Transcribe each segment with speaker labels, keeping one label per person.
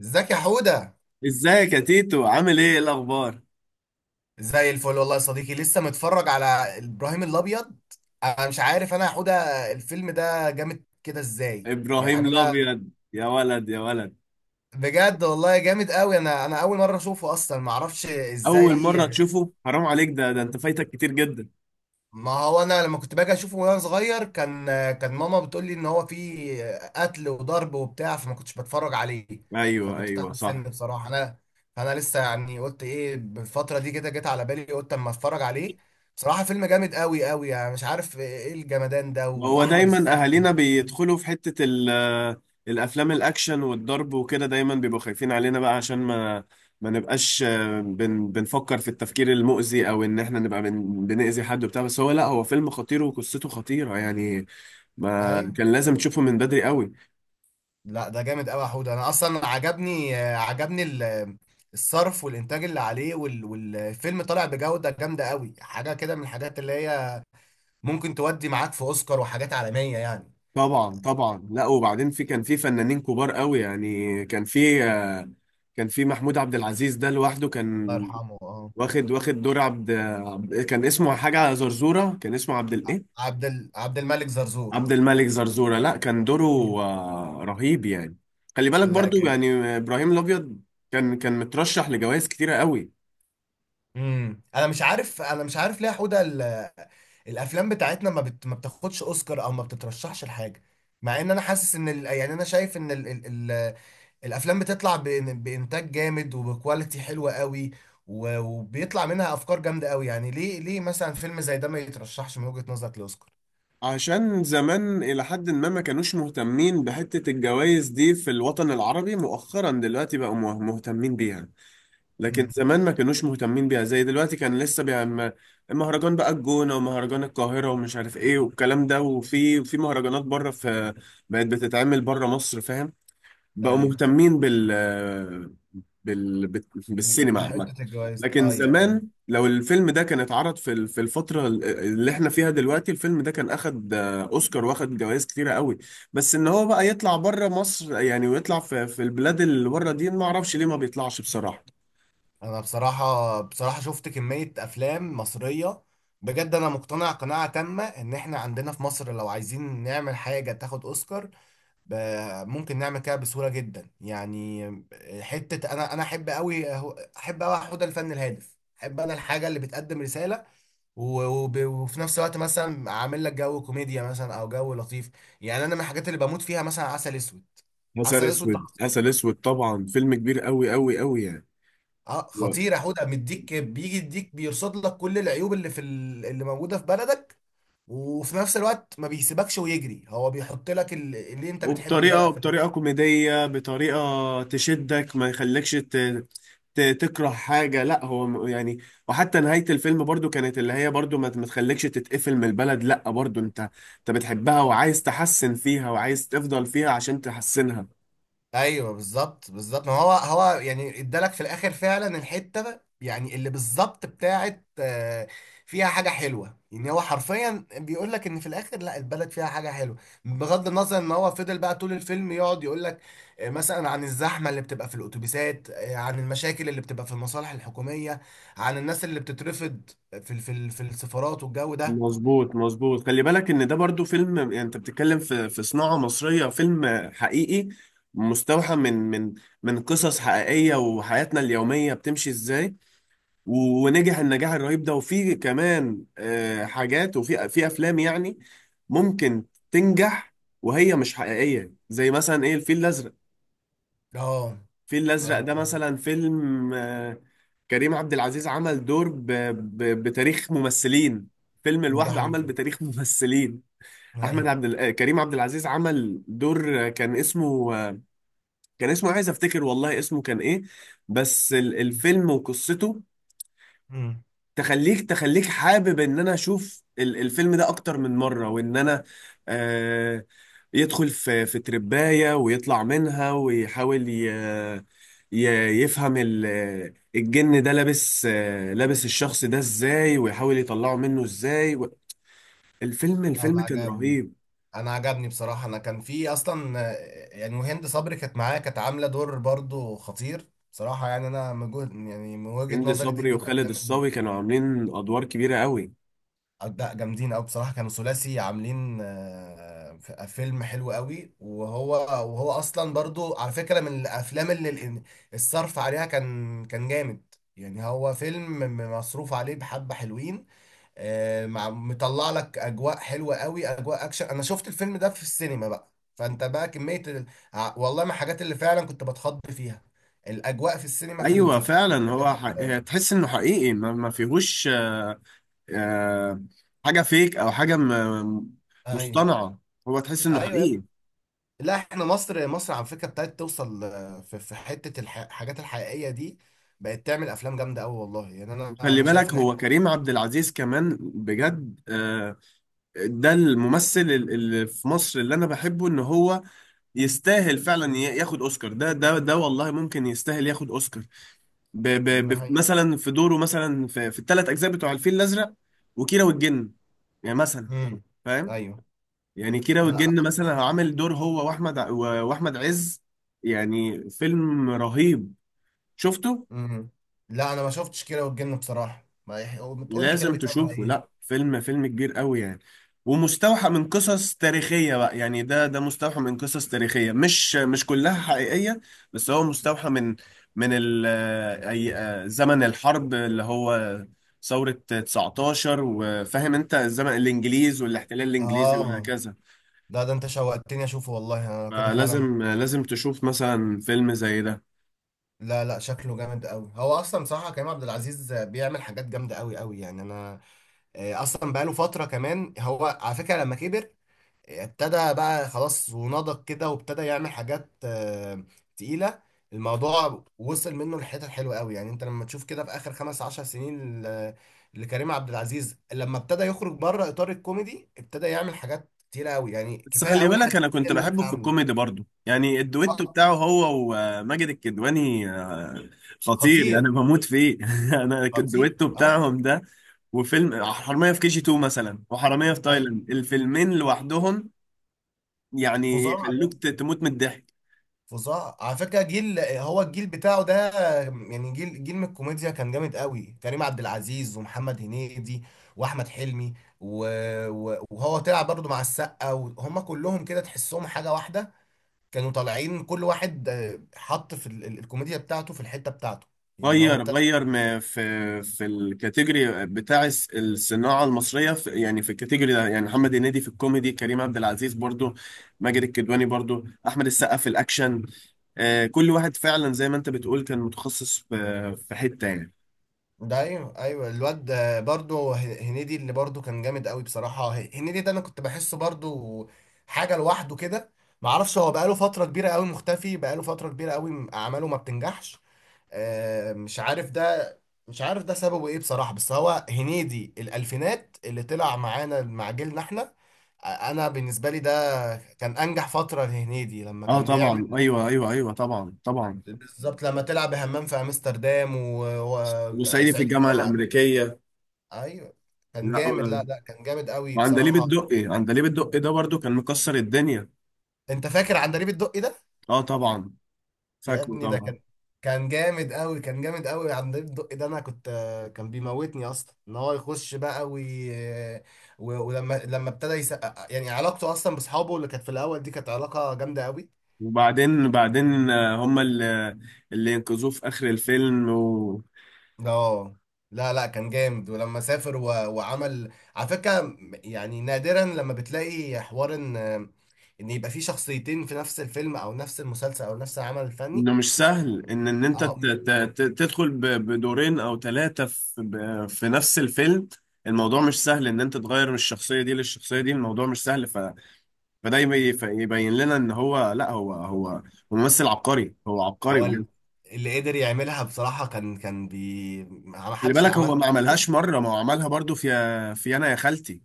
Speaker 1: ازيك يا حودة؟
Speaker 2: ازيك يا تيتو، عامل ايه؟ إيه الاخبار؟
Speaker 1: زي الفل والله يا صديقي، لسه متفرج على ابراهيم الابيض. انا مش عارف انا يا حودة، الفيلم ده جامد كده ازاي؟
Speaker 2: ابراهيم
Speaker 1: يعني انا
Speaker 2: الابيض يا ولد يا ولد.
Speaker 1: بجد والله جامد قوي. انا اول مرة اشوفه اصلا، ما اعرفش
Speaker 2: اول مره
Speaker 1: ازاي.
Speaker 2: تشوفه؟ حرام عليك، ده انت فايتك كتير جدا.
Speaker 1: ما هو انا لما كنت باجي اشوفه وانا صغير، كان ماما بتقول لي ان هو فيه قتل وضرب وبتاع، فما كنتش بتفرج عليه.
Speaker 2: ايوه
Speaker 1: فكنت تحت
Speaker 2: ايوه
Speaker 1: السن
Speaker 2: صح.
Speaker 1: بصراحه انا. فانا لسه يعني قلت ايه، بالفتره دي كده جت على بالي قلت اما اتفرج عليه. بصراحه فيلم جامد قوي قوي يعني، مش عارف ايه الجمدان ده،
Speaker 2: هو
Speaker 1: واحمد
Speaker 2: دايما
Speaker 1: السقا.
Speaker 2: اهالينا بيدخلوا في الافلام الاكشن والضرب وكده، دايما بيبقوا خايفين علينا بقى عشان ما نبقاش بنفكر في التفكير المؤذي، او ان احنا نبقى بنأذي حد وبتاع. بس هو لا، هو فيلم خطير وقصته خطيره يعني، ما
Speaker 1: ايوه.
Speaker 2: كان لازم تشوفه من بدري قوي.
Speaker 1: لا، ده جامد قوي يا حوده. انا اصلا عجبني عجبني الصرف والانتاج اللي عليه، والفيلم طالع بجوده جامده قوي، حاجه كده من الحاجات اللي هي ممكن تودي معاك في اوسكار وحاجات عالميه يعني.
Speaker 2: طبعا طبعا. لا، وبعدين في كان في فنانين كبار قوي يعني، كان في كان في محمود عبد العزيز، ده لوحده
Speaker 1: الله
Speaker 2: كان
Speaker 1: يرحمه، اه.
Speaker 2: واخد دور، كان اسمه حاجة زرزورة، كان اسمه عبد الايه؟
Speaker 1: عبد الملك زرزور.
Speaker 2: عبد الملك زرزورة. لا كان دوره رهيب يعني. خلي بالك
Speaker 1: لا.
Speaker 2: برضو يعني، ابراهيم الابيض كان مترشح لجوائز كتيرة قوي.
Speaker 1: انا مش عارف، انا مش عارف ليه يا حوده، الافلام بتاعتنا ما، ما بتاخدش اوسكار او ما بتترشحش لحاجه، مع ان انا حاسس ان يعني انا شايف ان الافلام بتطلع بانتاج جامد وبكواليتي حلوه قوي، وبيطلع منها افكار جامده قوي. يعني ليه، ليه مثلا فيلم زي ده ما يترشحش من وجهه نظرك لاوسكار؟
Speaker 2: عشان زمان إلى حد ما ما كانوش مهتمين بحتة الجوائز دي في الوطن العربي، مؤخرا دلوقتي بقوا مهتمين بيها. لكن
Speaker 1: امم
Speaker 2: زمان ما كانوش مهتمين بيها زي دلوقتي، كان لسه بيعمل مهرجان بقى الجونة ومهرجان القاهرة ومش عارف ايه والكلام ده، وفي مهرجانات بره، في بقت بتتعمل بره مصر، فاهم؟ بقوا
Speaker 1: ايوه.
Speaker 2: مهتمين بال بال-
Speaker 1: ب...
Speaker 2: بالسينما عامة.
Speaker 1: بحته الجوائز،
Speaker 2: لكن
Speaker 1: ايوه ايوه.
Speaker 2: زمان لو الفيلم ده كان اتعرض في في الفترة اللي احنا فيها دلوقتي، الفيلم ده كان اخد اوسكار، واخد جوائز كتيرة قوي. بس ان هو بقى يطلع بره مصر يعني، ويطلع في البلاد اللي بره دي، ما اعرفش ليه ما بيطلعش بصراحة.
Speaker 1: انا بصراحه بصراحه شفت كميه افلام مصريه، بجد انا مقتنع قناعه تامه ان احنا عندنا في مصر لو عايزين نعمل حاجه تاخد اوسكار، ممكن نعمل كده بسهوله جدا يعني. حته انا احب قوي، احب قوي، احب الفن الهادف، احب انا الحاجه اللي بتقدم رساله، وفي نفس الوقت مثلا عامل لك جو كوميديا مثلا او جو لطيف. يعني انا من الحاجات اللي بموت فيها مثلا عسل اسود.
Speaker 2: عسل
Speaker 1: عسل اسود ده
Speaker 2: اسود،
Speaker 1: خطير.
Speaker 2: عسل اسود طبعا، فيلم كبير قوي قوي قوي يعني.
Speaker 1: اه،
Speaker 2: و-
Speaker 1: خطير يا حوده. مديك بيجي يديك بيرصد لك كل العيوب اللي في اللي موجوده في بلدك، وفي نفس الوقت ما بيسيبكش ويجري، هو بيحط لك اللي انت بتحب البلد
Speaker 2: وبطريقه
Speaker 1: في.
Speaker 2: بطريقه كوميديه، بطريقه تشدك، ما يخليكش تكره حاجه. لا هو يعني، وحتى نهايه الفيلم برضو كانت، اللي هي برضو ما تخليكش تتقفل من البلد، لا برضو انت انت بتحبها وعايز تحسن فيها وعايز تفضل فيها عشان تحسنها.
Speaker 1: ايوه بالظبط، بالظبط. ما هو هو يعني ادالك في الاخر فعلا الحته، يعني اللي بالظبط بتاعت فيها حاجه حلوه. يعني هو حرفيا بيقول لك ان في الاخر لا، البلد فيها حاجه حلوه، بغض النظر ان هو فضل بقى طول الفيلم يقعد يقول لك مثلا عن الزحمه اللي بتبقى في الاتوبيسات، عن المشاكل اللي بتبقى في المصالح الحكوميه، عن الناس اللي بتترفض في في السفارات والجو ده.
Speaker 2: مظبوط مظبوط. خلي بالك ان ده برضو فيلم، يعني انت بتتكلم في صناعة مصرية، فيلم حقيقي مستوحى من قصص حقيقية وحياتنا اليومية بتمشي ازاي. ونجح النجاح الرهيب ده. وفي كمان حاجات، وفي افلام يعني ممكن تنجح وهي مش حقيقية، زي مثلا ايه، الفيل الازرق.
Speaker 1: اه
Speaker 2: الفيل الازرق
Speaker 1: اه.
Speaker 2: ده مثلا فيلم كريم عبد العزيز عمل دور بتاريخ ممثلين، فيلم
Speaker 1: ده
Speaker 2: لوحده عمل
Speaker 1: حقيقي.
Speaker 2: بتاريخ ممثلين.
Speaker 1: ده
Speaker 2: احمد
Speaker 1: حقيقي.
Speaker 2: عبد ال... آه، كريم عبد العزيز عمل دور كان اسمه كان اسمه، عايز افتكر والله اسمه كان ايه، بس الفيلم وقصته
Speaker 1: مم.
Speaker 2: تخليك، تخليك حابب ان انا اشوف الفيلم ده اكتر من مرة، وان انا آه يدخل في ترباية ويطلع منها، ويحاول ي... يفهم الجن ده لابس، لابس الشخص ده ازاي، ويحاول يطلعه منه ازاي. الفيلم،
Speaker 1: انا
Speaker 2: الفيلم كان
Speaker 1: عجبني،
Speaker 2: رهيب.
Speaker 1: بصراحه. انا كان في اصلا، يعني وهند صبري كانت معايا، كانت عامله دور برضو خطير بصراحه، يعني انا من يعني من وجهه
Speaker 2: هند
Speaker 1: نظري دي
Speaker 2: صبري
Speaker 1: من
Speaker 2: وخالد
Speaker 1: الافلام
Speaker 2: الصاوي كانوا عاملين ادوار كبيره قوي.
Speaker 1: لا، جامدين قوي بصراحه. كانوا ثلاثي عاملين فيلم حلو قوي. وهو اصلا برضو على فكره من الافلام اللي الصرف عليها كان جامد. يعني هو فيلم مصروف عليه بحبه حلوين، مع مطلع لك اجواء حلوه قوي، اجواء اكشن. انا شفت الفيلم ده في السينما بقى، فانت بقى كميه والله من الحاجات اللي فعلا كنت بتخض فيها الاجواء في السينما في في
Speaker 2: ايوه
Speaker 1: الفيلم
Speaker 2: فعلا،
Speaker 1: ده كانت.
Speaker 2: هو هي تحس انه حقيقي، ما, ما فيهوش آه، حاجه فيك، او حاجه
Speaker 1: ايوه
Speaker 2: مصطنعه. هو تحس انه
Speaker 1: ايوه يا
Speaker 2: حقيقي.
Speaker 1: ابني. لا، احنا مصر، مصر على فكره ابتدت توصل في حته الحاجات الحقيقيه دي، بقت تعمل افلام جامده قوي والله. يعني انا
Speaker 2: وخلي
Speaker 1: انا شايف
Speaker 2: بالك
Speaker 1: ان
Speaker 2: هو
Speaker 1: احنا
Speaker 2: كريم عبد العزيز كمان بجد ده الممثل اللي في مصر اللي انا بحبه، ان هو يستاهل فعلا ياخد اوسكار. ده والله ممكن يستاهل ياخد اوسكار،
Speaker 1: نهاية.
Speaker 2: مثلا في دوره مثلا في الثلاث اجزاء بتوع الفيل الازرق، وكيرة والجن، يعني مثلا،
Speaker 1: امم
Speaker 2: فاهم؟
Speaker 1: ايوه.
Speaker 2: يعني كيرة
Speaker 1: لا.
Speaker 2: والجن مثلا، عامل دور هو واحمد عز، يعني فيلم رهيب، شفته.
Speaker 1: امم لا، انا ما شفتش كده والجن بصراحه، ما يح... تقول لي كده
Speaker 2: لازم
Speaker 1: بيتكلم على
Speaker 2: تشوفه، لا
Speaker 1: ايه.
Speaker 2: فيلم، فيلم كبير قوي يعني. ومستوحى من قصص تاريخية بقى يعني، ده مستوحى من قصص تاريخية، مش كلها حقيقية، بس هو مستوحى من من ال أي زمن الحرب، اللي هو ثورة 19، وفاهم انت الزمن، الانجليز والاحتلال الانجليزي
Speaker 1: اه،
Speaker 2: وهكذا.
Speaker 1: لا ده انت شوقتني اشوفه والله، انا لو كده فعلا
Speaker 2: فلازم لازم تشوف مثلا فيلم زي ده.
Speaker 1: لا لا، شكله جامد قوي. هو اصلا صراحه كريم عبد العزيز بيعمل حاجات جامده قوي قوي يعني. انا اصلا بقاله فتره، كمان هو على فكره لما كبر، ابتدى بقى خلاص ونضج كده، وابتدى يعمل حاجات تقيله. الموضوع وصل منه لحتت حلوه قوي، يعني انت لما تشوف كده في اخر 15 سنين لكريم عبد العزيز، لما ابتدى يخرج بره اطار الكوميدي، ابتدى يعمل حاجات كتيره قوي يعني
Speaker 2: بس
Speaker 1: كفايه
Speaker 2: خلي
Speaker 1: اول حاجه
Speaker 2: بالك انا كنت
Speaker 1: اللي
Speaker 2: بحبه
Speaker 1: لسه
Speaker 2: في
Speaker 1: عامله،
Speaker 2: الكوميدي برضو يعني، الدويتو
Speaker 1: آه،
Speaker 2: بتاعه هو وماجد الكدواني، خطير يعني،
Speaker 1: خطير.
Speaker 2: انا بموت فيه. انا
Speaker 1: خطير
Speaker 2: الدويتو
Speaker 1: اي،
Speaker 2: بتاعهم ده، وفيلم حرامية في كي جي 2 مثلا، وحرامية في
Speaker 1: اي.
Speaker 2: تايلاند، الفيلمين لوحدهم يعني
Speaker 1: فظاعه
Speaker 2: يخلوك
Speaker 1: يعني،
Speaker 2: تموت من الضحك.
Speaker 1: فظاعه على فكره. جيل، هو الجيل بتاعه ده يعني، جيل جيل من الكوميديا كان جامد قوي. كريم عبد العزيز ومحمد هنيدي واحمد حلمي، و... وهو طلع برضه مع السقا، وهم كلهم كده تحسهم حاجه واحده. كانوا طالعين كل واحد حط في الكوميديا بتاعته في الحته بتاعته، يعني هو
Speaker 2: غير ما في الكاتيجوري بتاع الصناعة المصرية، في يعني في الكاتيجوري ده، يعني محمد هنيدي في الكوميدي، كريم عبد العزيز برضو، ماجد الكدواني برضو، أحمد السقا في الأكشن، كل واحد فعلا زي ما أنت بتقول كان متخصص في حتة يعني.
Speaker 1: ده. ايوه ايوه، الواد برضو هنيدي اللي برضو كان جامد قوي بصراحه. هنيدي ده انا كنت بحسه برضو حاجه لوحده كده. ما اعرفش، هو بقاله فتره كبيره قوي مختفي، بقاله فتره كبيره قوي، اعماله ما بتنجحش. مش عارف ده، سببه ايه بصراحه. بس هو هنيدي الالفينات اللي طلع معانا مع جيلنا احنا، انا بالنسبه لي ده كان انجح فتره لهنيدي، لما
Speaker 2: اه
Speaker 1: كان بيعمل
Speaker 2: طبعا، ايوه ايوه ايوه، طبعا طبعا.
Speaker 1: بالظبط لما تلعب همام في امستردام
Speaker 2: وصعيدي في
Speaker 1: وسعيدي في
Speaker 2: الجامعة
Speaker 1: الجامعه.
Speaker 2: الأمريكية.
Speaker 1: ايوه كان
Speaker 2: لا،
Speaker 1: جامد. لا لا، كان جامد قوي
Speaker 2: وعندليب
Speaker 1: بصراحه.
Speaker 2: الدقي، عندليب الدقي ده برضو كان مكسر الدنيا.
Speaker 1: انت فاكر عندليب الدقي ده؟
Speaker 2: اه طبعا،
Speaker 1: يا
Speaker 2: فاكره
Speaker 1: ابني ده
Speaker 2: طبعا.
Speaker 1: كان، كان جامد قوي. عندليب الدقي ده انا كنت، كان بيموتني اصلا ان هو يخش بقى ولما ابتدى يسقق، يعني علاقته اصلا باصحابه اللي كانت في الاول دي كانت علاقه جامده قوي.
Speaker 2: وبعدين هما اللي، اللي ينقذوه في آخر الفيلم.
Speaker 1: اه، لا لا، كان جامد. ولما سافر، وعمل على فكره، يعني نادرا لما بتلاقي حوار ان يبقى في شخصيتين في نفس الفيلم او نفس المسلسل او نفس العمل الفني.
Speaker 2: انه مش سهل ان انت
Speaker 1: اه،
Speaker 2: تدخل بدورين او ثلاثة في نفس الفيلم. الموضوع مش سهل ان انت تغير من الشخصية دي للشخصية دي، الموضوع مش سهل. فده يبين لنا ان هو لا، هو ممثل عبقري، هو عبقري
Speaker 1: هو
Speaker 2: بجد.
Speaker 1: اللي قدر يعملها بصراحة، كان ما
Speaker 2: خلي
Speaker 1: حدش
Speaker 2: بالك هو
Speaker 1: عملها.
Speaker 2: ما عملهاش مرة، ما هو عملها برضو في أنا يا خالتي،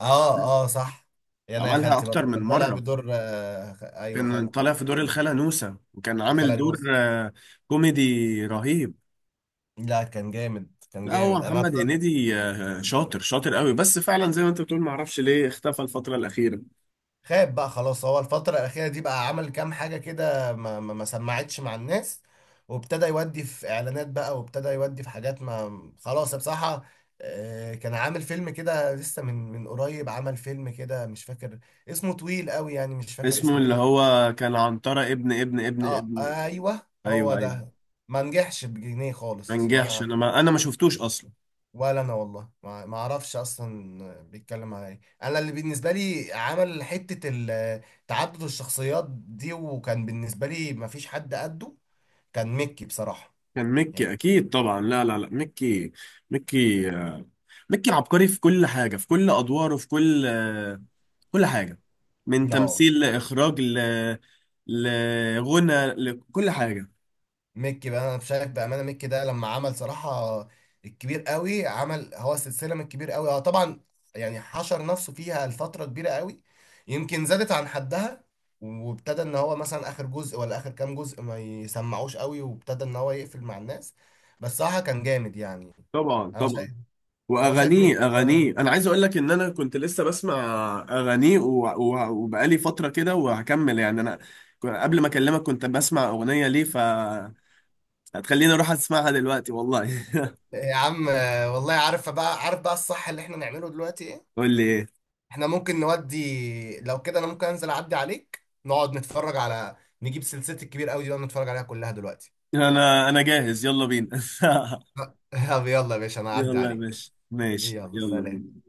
Speaker 1: اه اه صح. يعني انا يا
Speaker 2: عملها
Speaker 1: خالتي
Speaker 2: أكتر
Speaker 1: برضه
Speaker 2: من
Speaker 1: كان طالع
Speaker 2: مرة.
Speaker 1: بدور آه ايوه
Speaker 2: كان
Speaker 1: خالته.
Speaker 2: طالع في دور الخالة نوسة، وكان عامل
Speaker 1: خالة
Speaker 2: دور
Speaker 1: نوس.
Speaker 2: كوميدي رهيب.
Speaker 1: لا كان جامد،
Speaker 2: لا هو
Speaker 1: انا.
Speaker 2: محمد هنيدي شاطر قوي، بس فعلا زي ما انت بتقول معرفش ليه اختفى الفترة الأخيرة.
Speaker 1: خاب بقى خلاص. هو الفترة الأخيرة دي بقى عمل كام حاجة كده ما سمعتش مع الناس، وابتدى يودي في إعلانات بقى، وابتدى يودي في حاجات. ما خلاص بصراحة. كان عامل فيلم كده لسه من قريب، عمل فيلم كده مش فاكر اسمه، طويل قوي يعني مش فاكر
Speaker 2: اسمه
Speaker 1: اسمه
Speaker 2: اللي
Speaker 1: ايه.
Speaker 2: هو كان عنترة ابن ابن ابن
Speaker 1: اه
Speaker 2: ابن
Speaker 1: ايوه هو
Speaker 2: ايوه ايوه.
Speaker 1: ده. ما نجحش بجنيه
Speaker 2: ما
Speaker 1: خالص
Speaker 2: نجحش،
Speaker 1: ولا.
Speaker 2: انا ما شفتوش اصلا.
Speaker 1: ولا انا والله ما اعرفش اصلا بيتكلم على ايه. انا اللي بالنسبه لي عمل حته تعدد الشخصيات دي، وكان بالنسبه لي ما فيش حد قده، كان ميكي بصراحه
Speaker 2: كان ميكي
Speaker 1: يعني.
Speaker 2: اكيد طبعا، لا لا لا ميكي، ميكي ميكي عبقري في كل حاجه، في كل ادواره، في كل كل حاجه، من
Speaker 1: لا،
Speaker 2: تمثيل، لاخراج، لغنى، لكل حاجه.
Speaker 1: ميكي بقى انا بشارك بامانه. ميكي ده لما عمل صراحه الكبير قوي، عمل هو السلسله من الكبير قوي هو طبعا، يعني حشر نفسه فيها لفتره كبيره قوي، يمكن زادت عن حدها، وابتدى ان هو مثلا اخر جزء ولا اخر كام جزء ما يسمعوش قوي، وابتدى ان هو يقفل مع الناس، بس صراحه كان جامد يعني.
Speaker 2: طبعا
Speaker 1: انا
Speaker 2: طبعا.
Speaker 1: شايف،
Speaker 2: واغانيه،
Speaker 1: ميكي صراحه
Speaker 2: اغانيه،
Speaker 1: جامد.
Speaker 2: انا عايز اقول لك ان انا كنت لسه بسمع اغانيه. وبقالي فتره كده وهكمل يعني انا، قبل ما اكلمك كنت بسمع اغنيه ليه، ف هتخليني اروح اسمعها دلوقتي والله.
Speaker 1: يا عم، والله عارف بقى، عارف بقى الصح اللي احنا نعمله دلوقتي ايه؟
Speaker 2: قول لي ايه.
Speaker 1: احنا ممكن نودي لو كده، انا ممكن انزل اعدي عليك، نقعد نتفرج على، نجيب سلسلة الكبير قوي دي ونقعد نتفرج عليها كلها دلوقتي.
Speaker 2: انا انا جاهز، يلا بينا.
Speaker 1: طب يلا يا باشا، انا اعدي
Speaker 2: يلا يا
Speaker 1: عليك.
Speaker 2: باشا ماشي،
Speaker 1: يلا
Speaker 2: يلا
Speaker 1: سلام.
Speaker 2: بينا.